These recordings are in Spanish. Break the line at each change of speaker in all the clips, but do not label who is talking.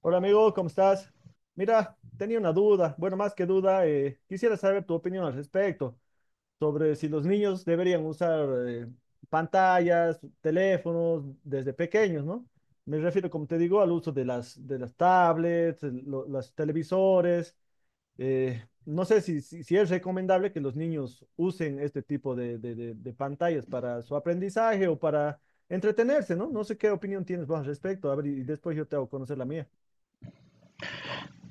Hola amigo, ¿cómo estás? Mira, tenía una duda, bueno, más que duda, quisiera saber tu opinión al respecto sobre si los niños deberían usar pantallas, teléfonos desde pequeños, ¿no? Me refiero, como te digo, al uso de las tablets, los televisores. No sé si es recomendable que los niños usen este tipo de pantallas para su aprendizaje o para entretenerse, ¿no? No sé qué opinión tienes vos al respecto, a ver, y después yo te hago conocer la mía.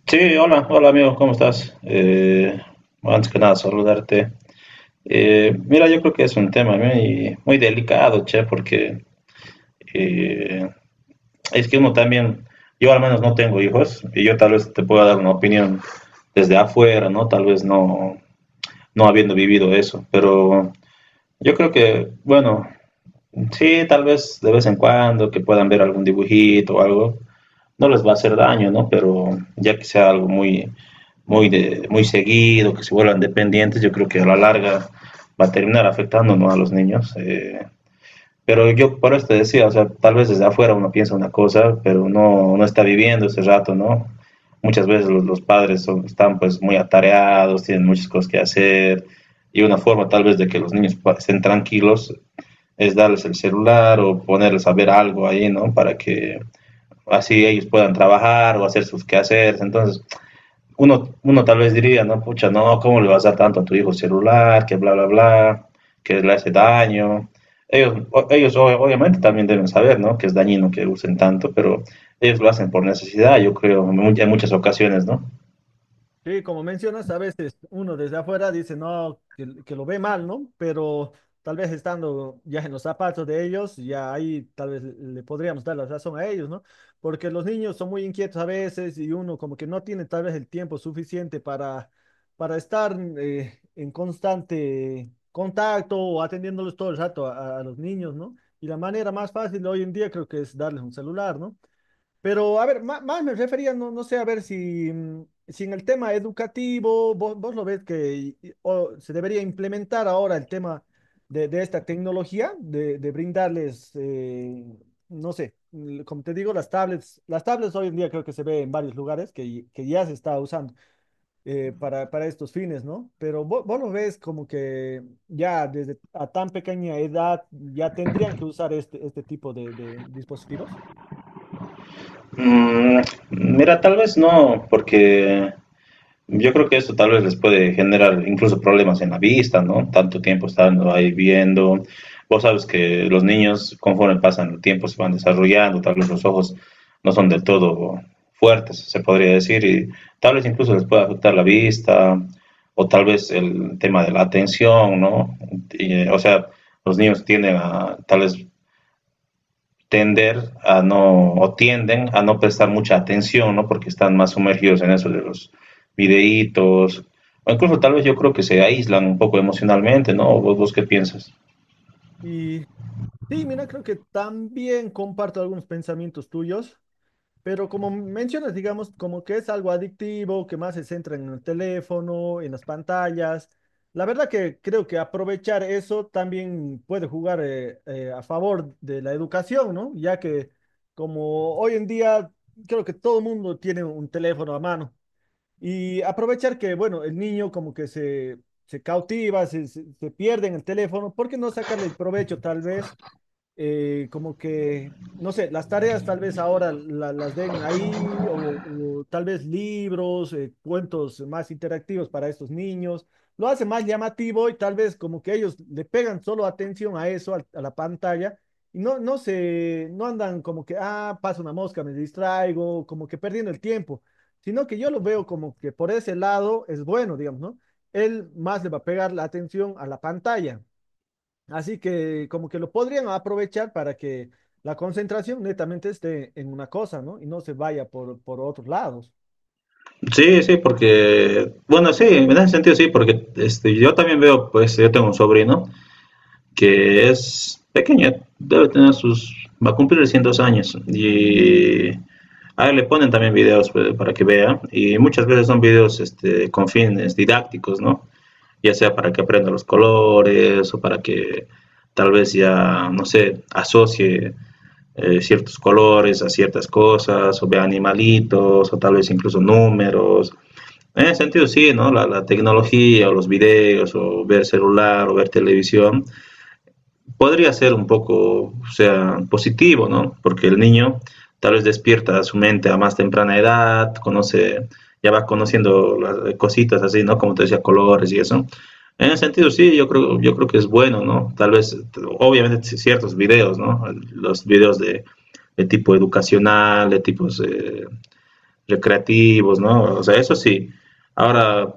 Sí, hola, hola amigo, ¿cómo estás? Antes que nada, saludarte. Mira, yo creo que es un tema muy, muy delicado, che, porque eh, es que uno también, yo al menos no tengo hijos, y yo tal vez te pueda dar una opinión desde afuera, ¿no? Tal vez no, no habiendo vivido eso, pero yo creo que, bueno, sí, tal vez de vez en cuando que puedan ver algún dibujito o algo, no les va a hacer daño, ¿no? Pero ya que sea algo muy, muy seguido, que se vuelvan dependientes, yo creo que a la larga va a terminar afectando, ¿no?, a los niños. Pero yo por eso te decía, o sea, tal vez desde afuera uno piensa una cosa, pero no, no está viviendo ese rato, ¿no? Muchas veces los padres son, están pues muy atareados, tienen muchas cosas que hacer, y una forma tal vez de que los niños estén tranquilos es darles el celular o ponerles a ver algo ahí, ¿no? Para que así ellos puedan trabajar o hacer sus quehaceres. Entonces, uno tal vez diría, no, pucha, no, ¿cómo le vas a dar tanto a tu hijo celular? Que bla, bla, bla, que le hace daño. Ellos, ellos obviamente también deben saber, ¿no? Que es dañino que usen tanto, pero ellos lo hacen por necesidad, yo creo, en muchas ocasiones, ¿no?
Sí, como mencionas, a veces uno desde afuera dice, no, que lo ve mal, ¿no? Pero tal vez estando ya en los zapatos de ellos, ya ahí tal vez le podríamos dar la razón a ellos, ¿no? Porque los niños son muy inquietos a veces y uno como que no tiene tal vez el tiempo suficiente para estar en constante contacto o atendiéndolos todo el rato a los niños, ¿no? Y la manera más fácil hoy en día creo que es darles un celular, ¿no? Pero a ver, más, me refería, no, no sé, a ver si, si en el tema educativo vos lo ves que o se debería implementar ahora el tema de esta tecnología, de brindarles, no sé, como te digo, las tablets hoy en día creo que se ve en varios lugares que ya se está usando para estos fines, ¿no? Pero vos lo ves como que ya desde a tan pequeña edad ya tendrían que usar este, este tipo de dispositivos.
Mm, mira, tal vez no, porque yo creo que esto tal vez les puede generar incluso problemas en la vista, ¿no? Tanto tiempo estando ahí viendo. Vos sabes que los niños, conforme pasan el tiempo, se van desarrollando, tal vez los ojos no son del todo fuertes, se podría decir, y tal vez incluso les pueda afectar la vista o tal vez el tema de la atención, ¿no? Y, o sea, los niños tienden a tal vez tender a no, o tienden a no prestar mucha atención, ¿no? Porque están más sumergidos en eso de los videitos, o incluso tal vez yo creo que se aíslan un poco emocionalmente, ¿no? ¿Vos, vos qué piensas?
Y sí, mira, creo que también comparto algunos pensamientos tuyos, pero como mencionas, digamos, como que es algo adictivo, que más se centra en el teléfono, en las pantallas. La verdad que creo que aprovechar eso también puede jugar a favor de la educación, ¿no? Ya que como hoy en día creo que todo el mundo tiene un teléfono a mano y aprovechar que, bueno, el niño como que se cautiva, se, se pierde en el teléfono. ¿Por qué no sacarle el provecho tal vez? Como que, no sé, las tareas tal vez ahora las den ahí o tal vez libros, cuentos más interactivos para estos niños. Lo hace más llamativo y tal vez como que ellos le pegan solo atención a eso, a la pantalla, y no, no andan como que, ah, pasa una mosca, me distraigo, como que perdiendo el tiempo, sino que yo lo veo como que por ese lado es bueno, digamos, ¿no? Él más le va a pegar la atención a la pantalla. Así que como que lo podrían aprovechar para que la concentración netamente esté en una cosa, ¿no? Y no se vaya por otros lados.
Sí, sí, porque, bueno, sí, en ese sentido sí, porque este, yo también veo, pues yo tengo un sobrino que es pequeño, debe tener sus, va a cumplir 100 años, y a él le ponen también videos pues, para que vea, y muchas veces son videos este, con fines didácticos, ¿no? Ya sea para que aprenda los colores o para que tal vez ya, no sé, asocie ciertos colores a ciertas cosas o vea animalitos o tal vez incluso números. En ese sentido, sí, ¿no? La tecnología o los videos o ver celular o ver televisión podría ser un poco, o sea, positivo, ¿no? Porque el niño tal vez despierta su mente a más temprana edad, conoce, ya va conociendo las cositas así, ¿no? Como te decía, colores y eso. En ese sentido, sí, yo creo que es bueno, ¿no? Tal vez, obviamente, sí, ciertos videos, ¿no? Los videos de tipo educacional, de tipos recreativos, ¿no? O sea, eso sí. Ahora,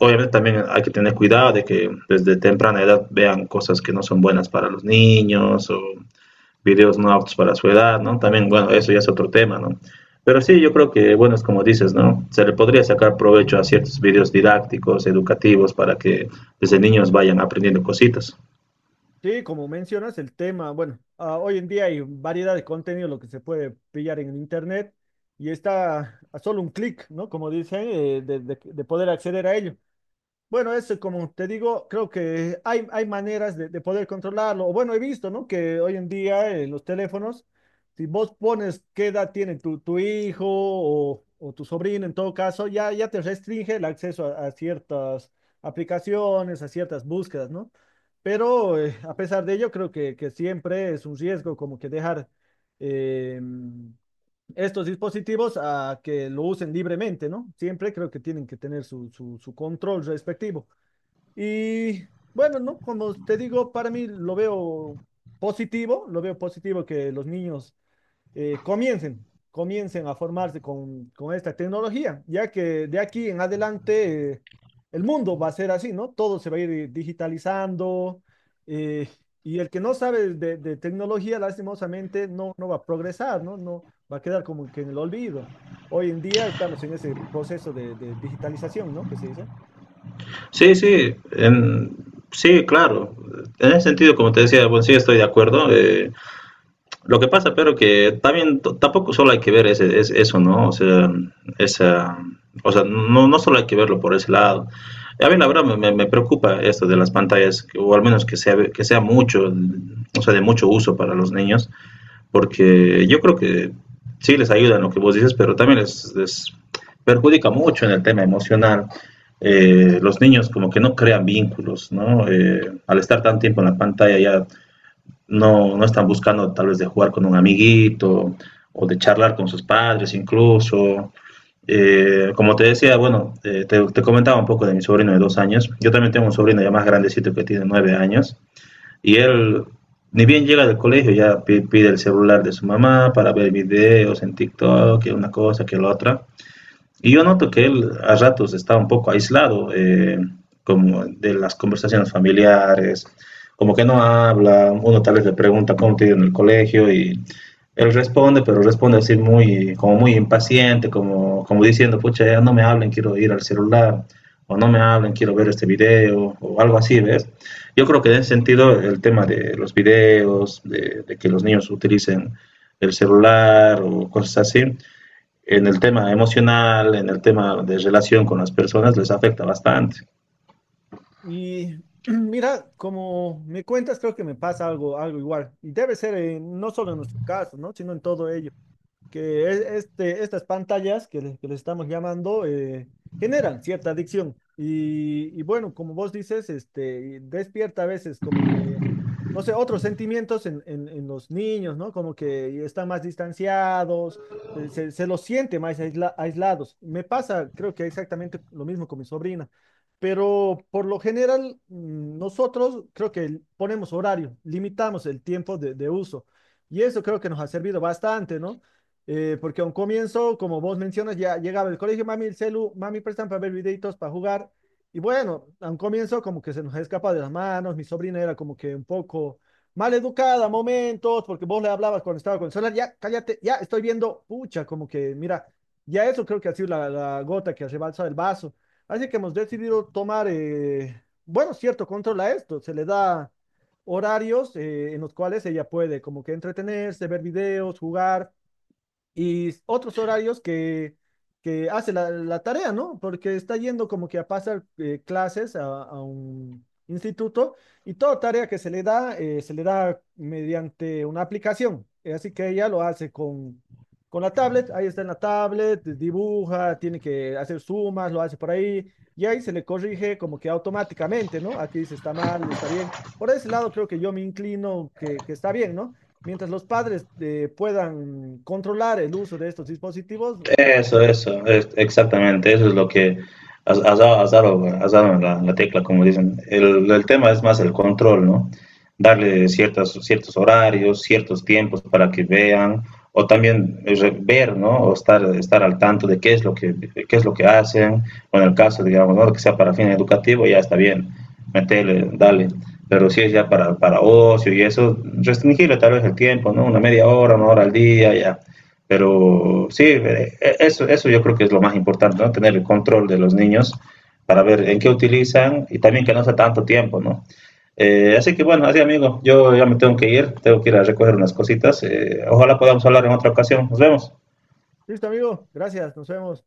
obviamente también hay que tener cuidado de que desde temprana edad vean cosas que no son buenas para los niños o videos no aptos para su edad, ¿no? También, bueno, eso ya es otro tema, ¿no? Pero sí, yo creo que, bueno, es como dices, ¿no? Se le podría sacar provecho a ciertos videos didácticos, educativos, para que desde niños vayan aprendiendo cositas.
Sí, como mencionas, el tema, bueno, ah, hoy en día hay variedad de contenido, lo que se puede pillar en el internet y está a solo un clic, ¿no? Como dicen, de, de poder acceder a ello. Bueno, eso como te digo, creo que hay maneras de poder controlarlo. O bueno, he visto, ¿no? Que hoy en día los teléfonos, si vos pones qué edad tiene tu, tu hijo o tu sobrino, en todo caso, ya, ya te restringe el acceso a ciertas aplicaciones, a ciertas búsquedas, ¿no? Pero a pesar de ello, creo que siempre es un riesgo como que dejar eh, estos dispositivos a que lo usen libremente, ¿no? Siempre creo que tienen que tener su, su control respectivo. Y bueno, ¿no? Como te digo, para mí lo veo positivo que los niños comiencen, comiencen a formarse con esta tecnología, ya que de aquí en adelante el mundo va a ser así, ¿no? Todo se va a ir digitalizando eh, y el que no sabe de tecnología, lastimosamente, no, no va a progresar, ¿no? No va a quedar como que en el olvido. Hoy en día estamos en ese proceso de digitalización, ¿no? Que se dice.
Sí, sí, en, sí, claro. En ese sentido, como te decía, bueno, sí estoy de acuerdo. Lo que pasa, pero que también tampoco solo hay que ver eso, ¿no? O sea, esa, o sea, no, no solo hay que verlo por ese lado. A mí la verdad me preocupa esto de las pantallas, o al menos que sea mucho, o sea, de mucho uso para los niños, porque yo creo que sí les ayuda en lo que vos dices, pero también les perjudica mucho en el tema emocional. Los niños como que no crean vínculos, ¿no? Al estar tanto tiempo en la pantalla ya no, no están buscando tal vez de jugar con un amiguito o de charlar con sus padres incluso. Como te decía, bueno, comentaba un poco de mi sobrino de 2 años. Yo también tengo un sobrino ya más grandecito que tiene 9 años. Y él, ni bien llega del colegio, ya pide el celular de su mamá para ver videos en TikTok, que una cosa, que la otra. Y yo noto que él a ratos está un poco aislado, como de las conversaciones familiares, como que no habla, uno tal vez le pregunta cómo te ha ido en el colegio y él responde, pero responde así muy, como muy impaciente, como, como diciendo, pucha, ya no me hablen, quiero ir al celular, o no me hablen, quiero ver este video, o algo así, ¿ves? Yo creo que en ese sentido el tema de los videos, de que los niños utilicen el celular o cosas así, en el tema emocional, en el tema de relación con las personas, les afecta bastante.
Y mira, como me cuentas, creo que me pasa algo, algo igual. Y debe ser no solo en nuestro caso, ¿no? Sino en todo ello que este, estas pantallas que le estamos llamando generan cierta adicción. Y bueno, como vos dices, este, despierta a veces como que, no sé, otros sentimientos en, en los niños, ¿no? Como que están más distanciados, se, se los siente más aislados. Me pasa, creo que exactamente lo mismo con mi sobrina. Pero por lo general, nosotros creo que ponemos horario, limitamos el tiempo de uso. Y eso creo que nos ha servido bastante, ¿no? Porque a un comienzo, como vos mencionas, ya llegaba el colegio, mami, el celu, mami, prestan para ver videitos, para jugar. Y bueno, a un comienzo como que se nos escapa de las manos, mi sobrina era como que un poco mal educada a momentos, porque vos le hablabas cuando estaba con el celular, ya, cállate, ya estoy viendo, pucha, como que, mira, ya eso creo que ha sido la, la gota que rebalsa el vaso. Así que hemos decidido tomar, bueno, cierto control a esto, se le da horarios en los cuales ella puede como que entretenerse, ver videos, jugar y otros horarios que hace la, la tarea, ¿no? Porque está yendo como que a pasar clases a un instituto y toda tarea que se le da mediante una aplicación. Así que ella lo hace con la tablet, ahí está en la tablet, dibuja, tiene que hacer sumas, lo hace por ahí y ahí se le corrige como que automáticamente, ¿no? Aquí dice está mal, está bien. Por ese lado creo que yo me inclino que está bien, ¿no? Mientras los padres puedan controlar el uso de estos dispositivos.
Eso, exactamente, eso es lo que has dado en la tecla, como dicen. El tema es más el control, ¿no? Darle ciertos horarios, ciertos tiempos para que vean, o también ver, ¿no? O estar al tanto de qué es qué es lo que hacen, o en el caso, digamos, ¿no? Que sea para fin educativo, ya está bien, metele, dale. Pero si es ya para ocio y eso, restringirle tal vez el tiempo, ¿no? Una media hora, una hora al día, ya pero sí, eso, eso yo creo que es lo más importante, ¿no? Tener el control de los niños para ver en qué utilizan y también que no sea tanto tiempo, ¿no? Así que bueno, así amigo, yo ya me tengo que ir a recoger unas cositas. Ojalá podamos hablar en otra ocasión. Nos vemos.
Listo, amigo. Gracias. Nos vemos.